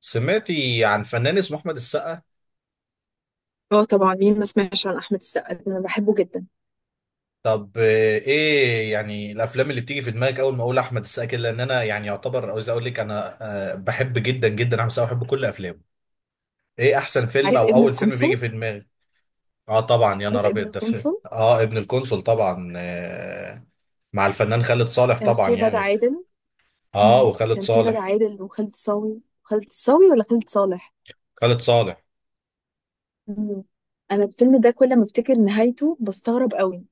سمعتي عن فنان اسمه احمد السقا. اه، طبعا. مين ما سمعش عن احمد السقا؟ ده انا بحبه جدا. طب آه، ايه يعني الافلام اللي بتيجي في دماغك اول ما اقول احمد السقا كده، لان انا يعني يعتبر عاوز اقول لك انا. بحب جدا جدا احمد السقا، بحب كل افلامه. ايه احسن فيلم عارف او ابن اول فيلم بيجي القنصل؟ في دماغك؟ اه طبعا، يا نهار عارف ابن ابيض، ده فيلم القنصل اه ابن القنصل طبعا آه. مع الفنان خالد صالح كان طبعا في غادة يعني. عادل. اه وخالد كان في غادة صالح. عادل وخالد صاوي خالد صاوي ولا خالد صالح؟ خالد صالح. مم. انا الفيلم ده كل ما افتكر نهايته بستغرب قوي،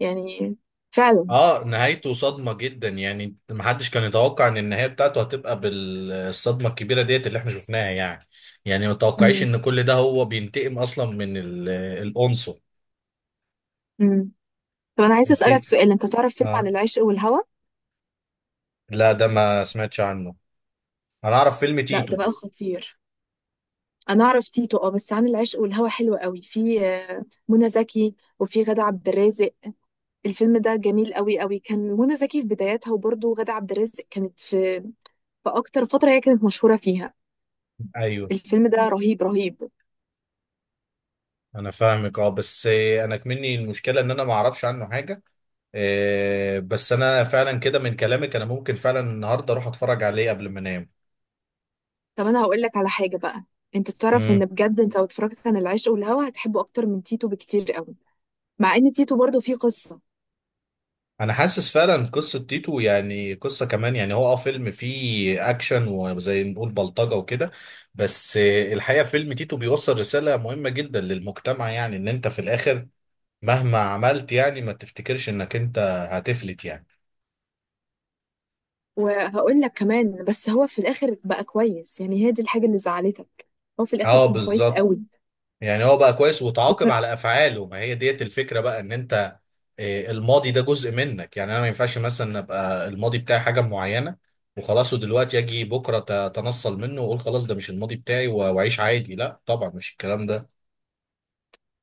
يعني فعلا. اه نهايته صدمة جدا، يعني محدش كان يتوقع ان النهاية بتاعته هتبقى بالصدمة الكبيرة ديت اللي احنا شفناها يعني. يعني ما توقعيش مم. ان كل ده هو بينتقم اصلا من ال- القنصل. مم. طب انا عايزه انت اسالك سؤال، انت تعرف فيلم عن اه. العشق والهوى؟ لا، ده ما سمعتش عنه. انا اعرف فيلم لا، تيتو. ده بقى خطير. انا اعرف تيتو، اه. بس عن العشق والهوى حلو قوي، في منى زكي وفي غادة عبد الرازق. الفيلم ده جميل قوي قوي، كان منى زكي في بداياتها، وبرضه غادة عبد الرازق كانت في اكتر فتره هي كانت مشهوره فيها. ايوه. الفيلم ده رهيب رهيب. انا فاهمك اه، بس انا كمني المشكلة ان انا ما اعرفش عنه حاجة. بس انا فعلا كده من كلامك انا ممكن فعلا النهارده اروح اتفرج عليه قبل ما انام. طب انا هقول لك على حاجه بقى. انت تعرف مم. ان بجد انت لو اتفرجت عن العشق والهوى هتحبه اكتر من تيتو بكتير قوي. مع ان تيتو برضه فيه قصه. انا حاسس فعلا قصه تيتو يعني قصه كمان، يعني هو اه فيلم فيه اكشن وزي نقول بلطجه وكده. بس الحقيقه فيلم تيتو بيوصل رساله مهمه جدا للمجتمع، يعني ان انت في الاخر مهما عملت يعني ما تفتكرش انك انت هتفلت يعني. وهقول لك كمان، بس هو في الاخر بقى كويس، يعني هي دي الحاجه اللي زعلتك. هو في الاخر اه كان كويس بالظبط. قوي. يعني هو بقى كويس وتعاقب على افعاله، ما هي ديت الفكره بقى ان انت الماضي ده جزء منك. يعني انا ما ينفعش مثلا ابقى الماضي بتاعي حاجه معينه وخلاص، ودلوقتي اجي بكره اتنصل منه واقول خلاص ده مش الماضي بتاعي واعيش عادي. لا طبعا مش الكلام ده.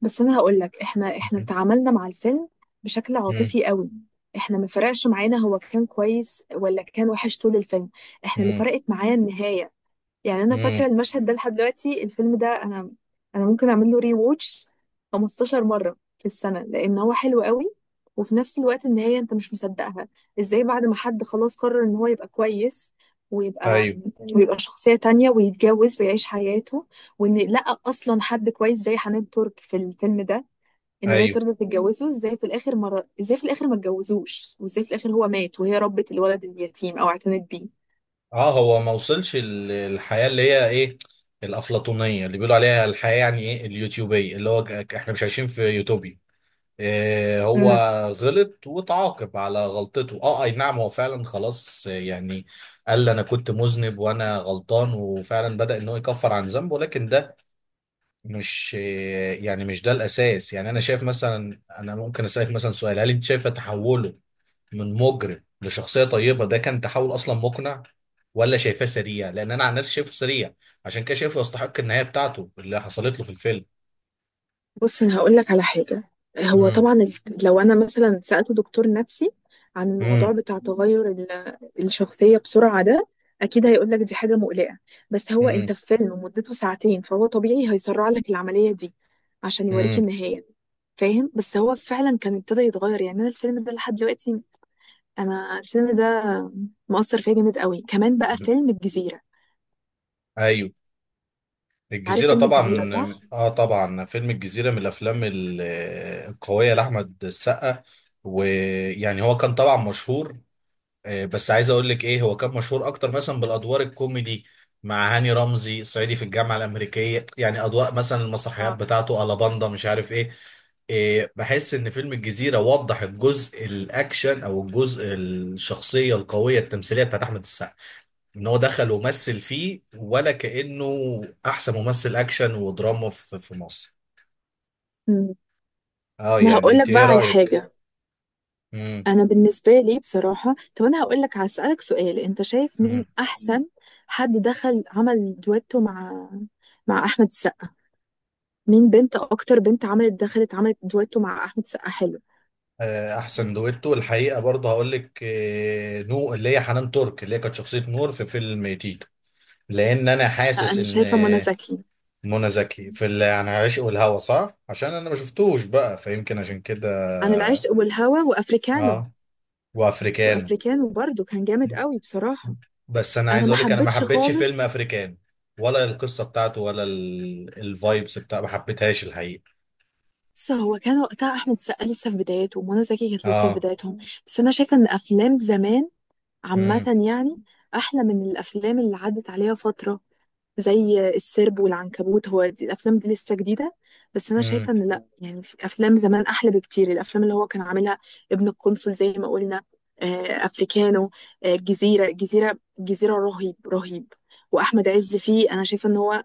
بس انا هقول لك، احنا تعاملنا مع الفيلم بشكل امم عاطفي قوي. احنا ما فرقش معانا هو كان كويس ولا كان وحش طول الفيلم. احنا اللي امم فرقت معايا النهاية. يعني انا امم فاكره المشهد ده لحد دلوقتي، الفيلم ده انا ممكن اعمل له ري ووتش 15 مره في السنه لان هو حلو قوي. وفي نفس الوقت النهايه انت مش مصدقها. ازاي بعد ما حد خلاص قرر ان هو يبقى كويس، ويبقى ايوه. ويبقى شخصيه تانية ويتجوز ويعيش حياته، وان لقى اصلا حد كويس زي حنان ترك في الفيلم ده، ان هي ايوه. ترضى تتجوزه؟ ازاي في الاخر مرة؟ ازاي في الاخر ما اتجوزوش؟ وازاي في الاخر هو مات وهي ربت الولد اليتيم او اعتنت بيه؟ اه هو ما وصلش ال- الحياه اللي هي ايه، الافلاطونيه اللي بيقولوا عليها الحياه، يعني ايه اليوتيوبيه، اللي هو ك- احنا مش عايشين في يوتوبيا. آه، هو غلط وتعاقب على غلطته، اه اي نعم هو فعلا خلاص آه، يعني قال انا كنت مذنب وانا غلطان، وفعلا بدأ ان هو يكفر عن ذنبه، لكن ده مش يعني مش ده الاساس. يعني انا شايف مثلا، انا ممكن اسالك مثلا سؤال: هل انت شايفه تحوله من مجرم لشخصيه طيبه ده كان تحول اصلا مقنع، ولا شايفاه سريع؟ لان انا عن نفسي شايفه سريع، عشان كده شايفه يستحق النهايه بتاعته اللي حصلت له في الفيلم. بص، انا هقول لك على حاجه. هو امم طبعا لو انا مثلا سالت دكتور نفسي عن الموضوع بتاع تغير الشخصيه بسرعه ده، اكيد هيقول لك دي حاجه مقلقه. بس هو انت امم في فيلم مدته ساعتين، فهو طبيعي هيسرع لك العمليه دي عشان يوريك امم النهايه. فاهم؟ بس هو فعلا كان ابتدى يتغير. يعني انا الفيلم ده لحد دلوقتي، انا الفيلم ده مؤثر فيا جامد قوي. كمان بقى فيلم الجزيره، ايوه. عارف الجزيرة فيلم الجزيره، طبعا، صح؟ اه طبعا فيلم الجزيرة من الافلام ال- القوية لاحمد السقا. ويعني هو كان طبعا مشهور، بس عايز اقول لك ايه، هو كان مشهور اكتر مثلا بالادوار الكوميدي مع هاني رمزي، صعيدي في الجامعة الامريكية يعني، اضواء مثلا، المسرحيات اه. بتاعته، الاباندا، مش عارف ايه. بحس ان فيلم الجزيرة وضح الجزء الاكشن او الجزء الشخصية القوية التمثيلية بتاعت احمد السقا، ان هو دخل ومثل فيه ولا كأنه احسن ممثل اكشن ودراما في مصر. مم. اه انا يعني هقول انت لك بقى ايه على رأيك؟ حاجه. امم. انا بالنسبه لي بصراحه، طب انا هقول لك، هسالك سؤال، انت شايف مين مم. احسن حد دخل عمل دويتو مع احمد السقا؟ مين بنت، اكتر بنت عملت دخلت عملت دويتو مع احمد السقا حلو؟ آه، احسن دويتو الحقيقة برضه هقول لك آه، نو اللي هي حنان ترك اللي هي كانت شخصية نور في فيلم تيتو، لان انا لا، حاسس انا ان شايفه منى آه، زكي. منى زكي في اللي عن عشق والهوى صح، عشان انا ما شفتوش بقى فيمكن عشان كده. عن العشق والهوى وافريكانو. اه وافريكانو. وافريكانو برضو كان جامد قوي بصراحه. بس انا انا عايز ما اقول لك انا ما حبيتش حبيتش فيلم خالص. افريكان، ولا القصه بتاعته ولا الفايبس بتاع ما حبيتهاش الحقيقه. بس هو كان وقتها احمد السقا لسه في بدايته، ومنى زكي كانت لسه في اه. بدايتهم. بس انا شايفه ان افلام زمان عامة، امم يعني أحلى من الأفلام اللي عدت عليها فترة، زي السرب والعنكبوت. هو دي الأفلام دي لسه جديدة، بس أنا امم شايفة إن لأ، يعني في أفلام زمان أحلى بكتير، الأفلام اللي هو كان عاملها. ابن القنصل زي ما قلنا، أفريكانو، الجزيرة الجزيرة الجزيرة، رهيب رهيب. وأحمد عز فيه، أنا شايفة إن هو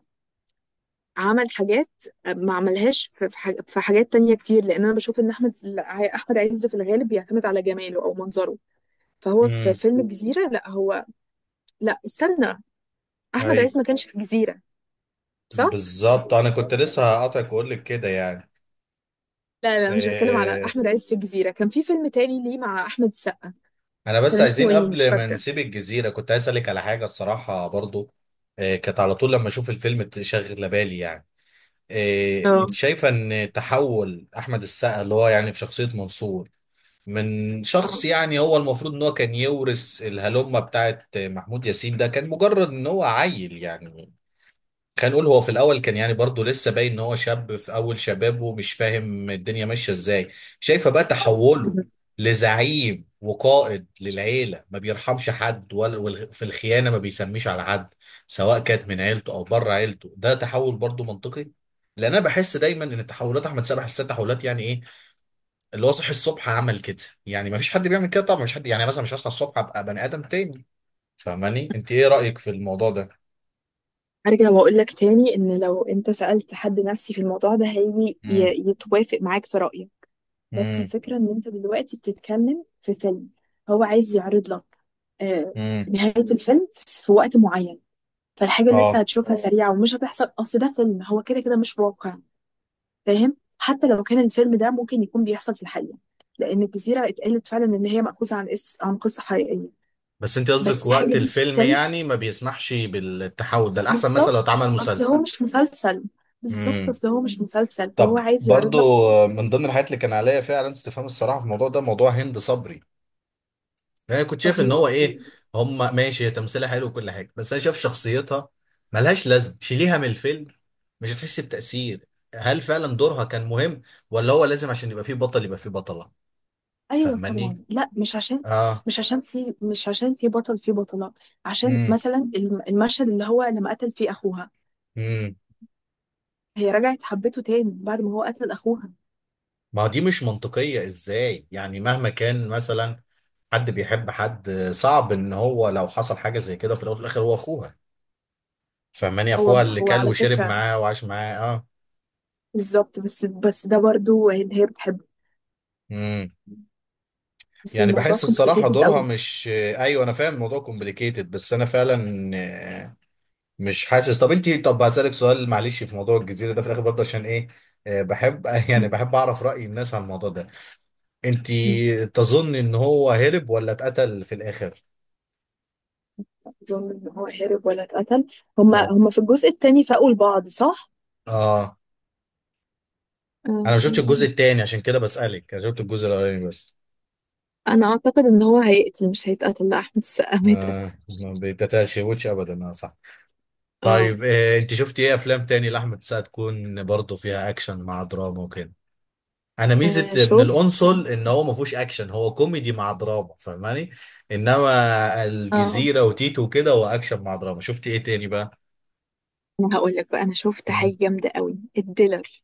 عمل حاجات ما عملهاش في في حاجات تانية كتير. لأن أنا بشوف إن أحمد عز في الغالب بيعتمد على جماله أو منظره. فهو في امم فيلم الجزيرة لا، هو... لا، استنى، احمد ايوه عز ما كانش في الجزيره، صح؟ بالظبط، انا كنت لسه هقاطعك واقول لك كده يعني. لا لا، مش بتكلم على إيه. احمد عز في الجزيره، كان في فيلم تاني ليه مع احمد السقا، انا بس كان اسمه عايزين ايه؟ مش قبل ما فاكره. نسيب الجزيره كنت عايز اسالك على حاجه الصراحه برضو. إيه كانت على طول لما اشوف الفيلم تشغل بالي يعني. إيه انت اه. شايفه ان تحول احمد السقا اللي هو يعني في شخصيه منصور من آه. شخص يعني هو المفروض ان هو كان يورث الهلمة بتاعت محمود ياسين، ده كان مجرد ان هو عيل يعني. كان نقول هو في الاول كان يعني برضه لسه باين ان هو شاب في اول شبابه ومش فاهم الدنيا ماشية ازاي. شايفة بقى تحوله لزعيم وقائد للعيلة ما بيرحمش حد ولا في الخيانة ما بيسميش على حد، سواء كانت من عيلته او بره عيلته، ده تحول برضه منطقي. لان انا بحس دايما ان تحولات احمد سامح الست تحولات يعني ايه، اللي هو صحي الصبح عمل كده. يعني ما فيش حد بيعمل كده طبعا، مش حد يعني مثلا مش هصحى الصبح ابقى بني ادم تاني. فاهماني؟ انت ايه رايك في الموضوع ده؟ ارجع واقول لك تاني، ان لو انت سالت حد نفسي في الموضوع ده هيجي امم يتوافق معاك في رايك. بس امم الفكره ان انت دلوقتي بتتكلم في فيلم هو عايز يعرض لك آه، امم نهايه الفيلم في وقت معين. فالحاجه اللي انت اه هتشوفها سريعه ومش هتحصل، اصل ده فيلم، هو كده كده مش واقع. فاهم؟ حتى لو كان الفيلم ده ممكن يكون بيحصل في الحقيقة، لأن الجزيرة اتقالت فعلا إن هي مأخوذة عن عن قصة حقيقية، بس انت قصدك بس وقت الحاجة دي الفيلم ستيل. يعني ما بيسمحش بالتحول ده، الاحسن مثلا لو بالظبط، اتعمل أصل هو مسلسل. مش مسلسل. بالظبط، امم. أصل هو مش مسلسل، فهو طب عايز يعرض برضو، لك. من ضمن الحاجات اللي كان عليا فيها علامة استفهام الصراحة في الموضوع ده موضوع هند صبري. انا كنت شايف ان هو رهيبة. ايه، هم ماشي هي تمثيلها حلو وكل حاجه، بس انا شايف شخصيتها ملهاش لازمه، شيليها من الفيلم مش هتحس بتأثير. هل فعلا دورها كان مهم، ولا هو لازم عشان يبقى فيه بطل يبقى فيه بطله؟ ايوه فاهماني؟ طبعا. لا، مش عشان اه. مش عشان في مش عشان في بطل في بطلة. عشان امم مثلا المشهد اللي هو لما قتل فيه اخوها، امم هي رجعت حبته تاني بعد ما هو قتل اخوها. ما دي مش منطقيه، ازاي يعني مهما كان مثلا حد بيحب حد، صعب ان هو لو حصل حاجه زي كده في الاول وفي الاخر هو اخوها. فاهماني، هو اخوها اللي هو كل على وشرب فكرة، معاه وعاش معاه. بالظبط، بس ده برضو ان هي بتحبه، اه. بس يعني الموضوع بحس الصراحة complicated دورها قوي. مش ايوه، انا فاهم الموضوع كومبليكيتد، بس انا فعلا آه، مش حاسس. طب انت، طب هسألك سؤال معلش في موضوع الجزيرة ده في الاخر برضه عشان ايه، آه، بحب يعني مم. بحب اعرف رأي الناس عن الموضوع ده. انت مم. تظن ان هو هرب ولا اتقتل في الاخر؟ اظن ان هو هرب ولا اتقتل. هما اه. هما في الجزء التاني فاقوا لبعض، صح؟ اه. انا آه. ما شفتش الجزء التاني عشان كده بسألك، انا شفت الجزء الاولاني بس. انا اعتقد ان هو هيقتل مش هيتقتل. لا، احمد السقا ما آه يتقتلش. ما بتتشوتش ابدا، اه صح. اه، طيب آه، انت شفتي ايه افلام تاني لاحمد السقا تكون برضه فيها اكشن مع دراما وكده؟ انا ميزه آه، ابن شفت. القنصل ان هو ما فيهوش اكشن، هو كوميدي مع دراما، فاهماني. انما اه، الجزيره وتيتو وكده هو اكشن مع دراما. شفت ايه تاني بقى؟ انا هقول لك بقى، انا شفت مم. حاجه جامده قوي، الديلر.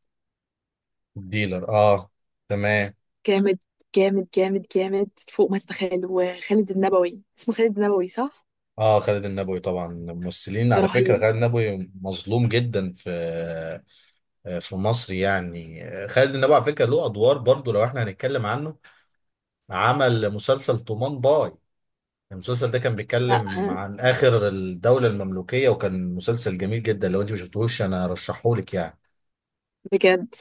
ديلر اه. تمام. جامد جامد جامد جامد، فوق ما تتخيل. وخالد النبوي، اسمه خالد النبوي، صح؟ اه خالد النبوي طبعا، ممثلين على فكره رهيب. خالد النبوي مظلوم جدا في مصر. يعني خالد النبوي على فكره له ادوار برضو، لو احنا هنتكلم عنه عمل مسلسل طومان باي. المسلسل ده كان لا، بيتكلم آه. عن آخر الدولة المملوكية، وكان مسلسل جميل جدا، لو انت ما شفتهوش انا ارشحهولك يعني. بجد.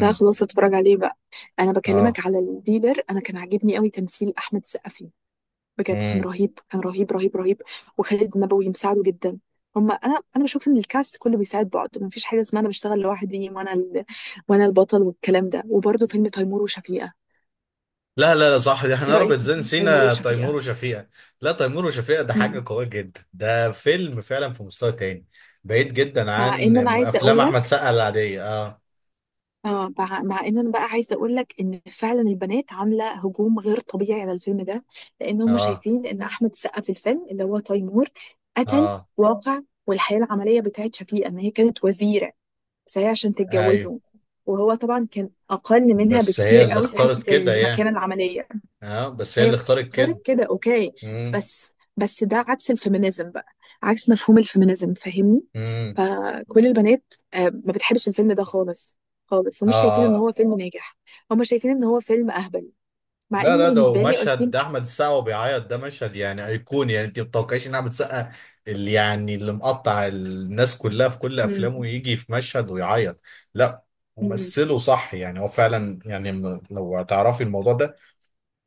لا، خلاص، اتفرج عليه بقى. انا اه. بكلمك على الديلر، انا كان عاجبني قوي تمثيل احمد السقا فيه. بجد كان امم. رهيب، كان رهيب رهيب رهيب. وخالد النبوي مساعده جدا. هما انا بشوف ان الكاست كله بيساعد بعض، مفيش حاجه اسمها انا بشتغل لوحدي وانا وانا البطل والكلام ده. وبرده فيلم تيمور وشفيقه، لا، صح، دي ايه احنا ربط رايك في زين فيلم تيمور سينا تيمور وشفيقه؟ وشفيقة. لا تيمور وشفيقة ده حاجة مم. قوية جدا، ده فيلم فعلا في مستوى تاني بعيد جدا مع عن ان انا عايزه افلام اقول احمد لك، سقا العادية اه. اه، مع ان انا بقى عايزه اقول لك ان فعلا البنات عامله هجوم غير طبيعي على الفيلم ده. لان هم اه. شايفين ان احمد السقا في الفيلم اللي هو تيمور قتل اه. واقع. والحياه العمليه بتاعت شفيقه ان هي كانت وزيره، بس هي عشان ايوه، تتجوزه، وهو طبعا كان اقل منها بس هي بكتير اللي قوي في اختارت حته كده المكانه يعني. العمليه. اه بس هي هي اللي اختارت كده. اختارت كده، اوكي. امم. بس ده عكس الفيمينيزم بقى، عكس مفهوم الفيمينيزم، فاهمني؟ امم. فكل البنات ما بتحبش الفيلم ده خالص خالص، ومش شايفين ان اه. هو فيلم ناجح. هم شايفين ان هو فيلم اهبل. مع لا ان لا ده بالنسبه لي I مشهد، ده think... احمد السقا وهو بيعيط، ده مشهد يعني ايقوني يعني، انت ما بتتوقعيش ان احمد السقا اللي يعني اللي مقطع الناس كلها في كل مم، افلامه يجي في مشهد ويعيط. لا. مم. ومثله صح، يعني هو فعلا يعني م- لو هتعرفي الموضوع ده،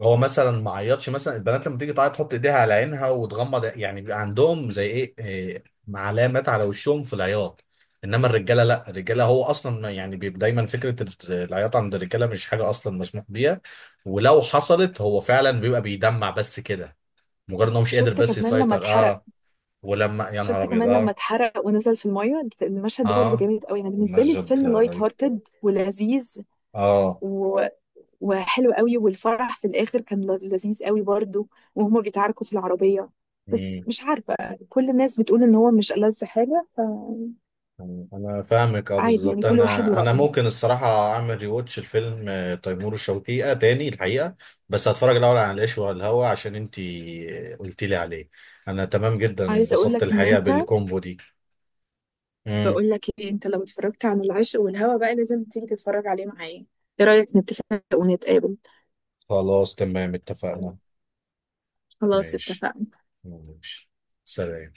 هو مثلا ما عيطش. مثلا البنات لما تيجي تعيط تحط ايديها على عينها وتغمض يعني، بيبقى عندهم زي ايه إيه، علامات على وشهم في العياط. انما الرجاله لا، الرجاله هو اصلا ما- يعني بيبقى دايما فكره العياط عند الرجاله مش حاجه اصلا مسموح بيها، ولو حصلت هو فعلا بيبقى بيدمع بس كده، مجرد ان هو مش قادر شفت بس كمان لما يسيطر اتحرق؟ اه. ولما يا نهار شفت ابيض كمان لما اه. اتحرق ونزل في الميه؟ المشهد ده برضه اه. جامد قوي. انا بالنسبه لي مجد الفيلم لايت رهيب. هارتد ولذيذ اه. و... وحلو قوي. والفرح في الاخر كان لذيذ قوي برضو، وهما بيتعاركوا في العربيه. بس مش عارفه، كل الناس بتقول ان هو مش ألذ حاجه. انا فاهمك اه فعادي، يعني بالظبط. كل واحد انا انا ورأيه. ممكن الصراحه اعمل ريواتش الفيلم آه، تيمور وشفيقة تاني الحقيقه، بس هتفرج الاول على العيش والهوى عشان انتي قلتي لي عليه. انا تمام جدا، عايزه اقول انبسطت لك ان الحقيقه انت، بالكونفو دي. مم. بقول لك ايه، انت لو اتفرجت عن العشق والهوى بقى لازم تيجي تتفرج عليه معايا. ايه رأيك نتفق ونتقابل؟ خلاص تمام اتفقنا. خلاص، ماشي. اتفقنا. ماشي. سلام.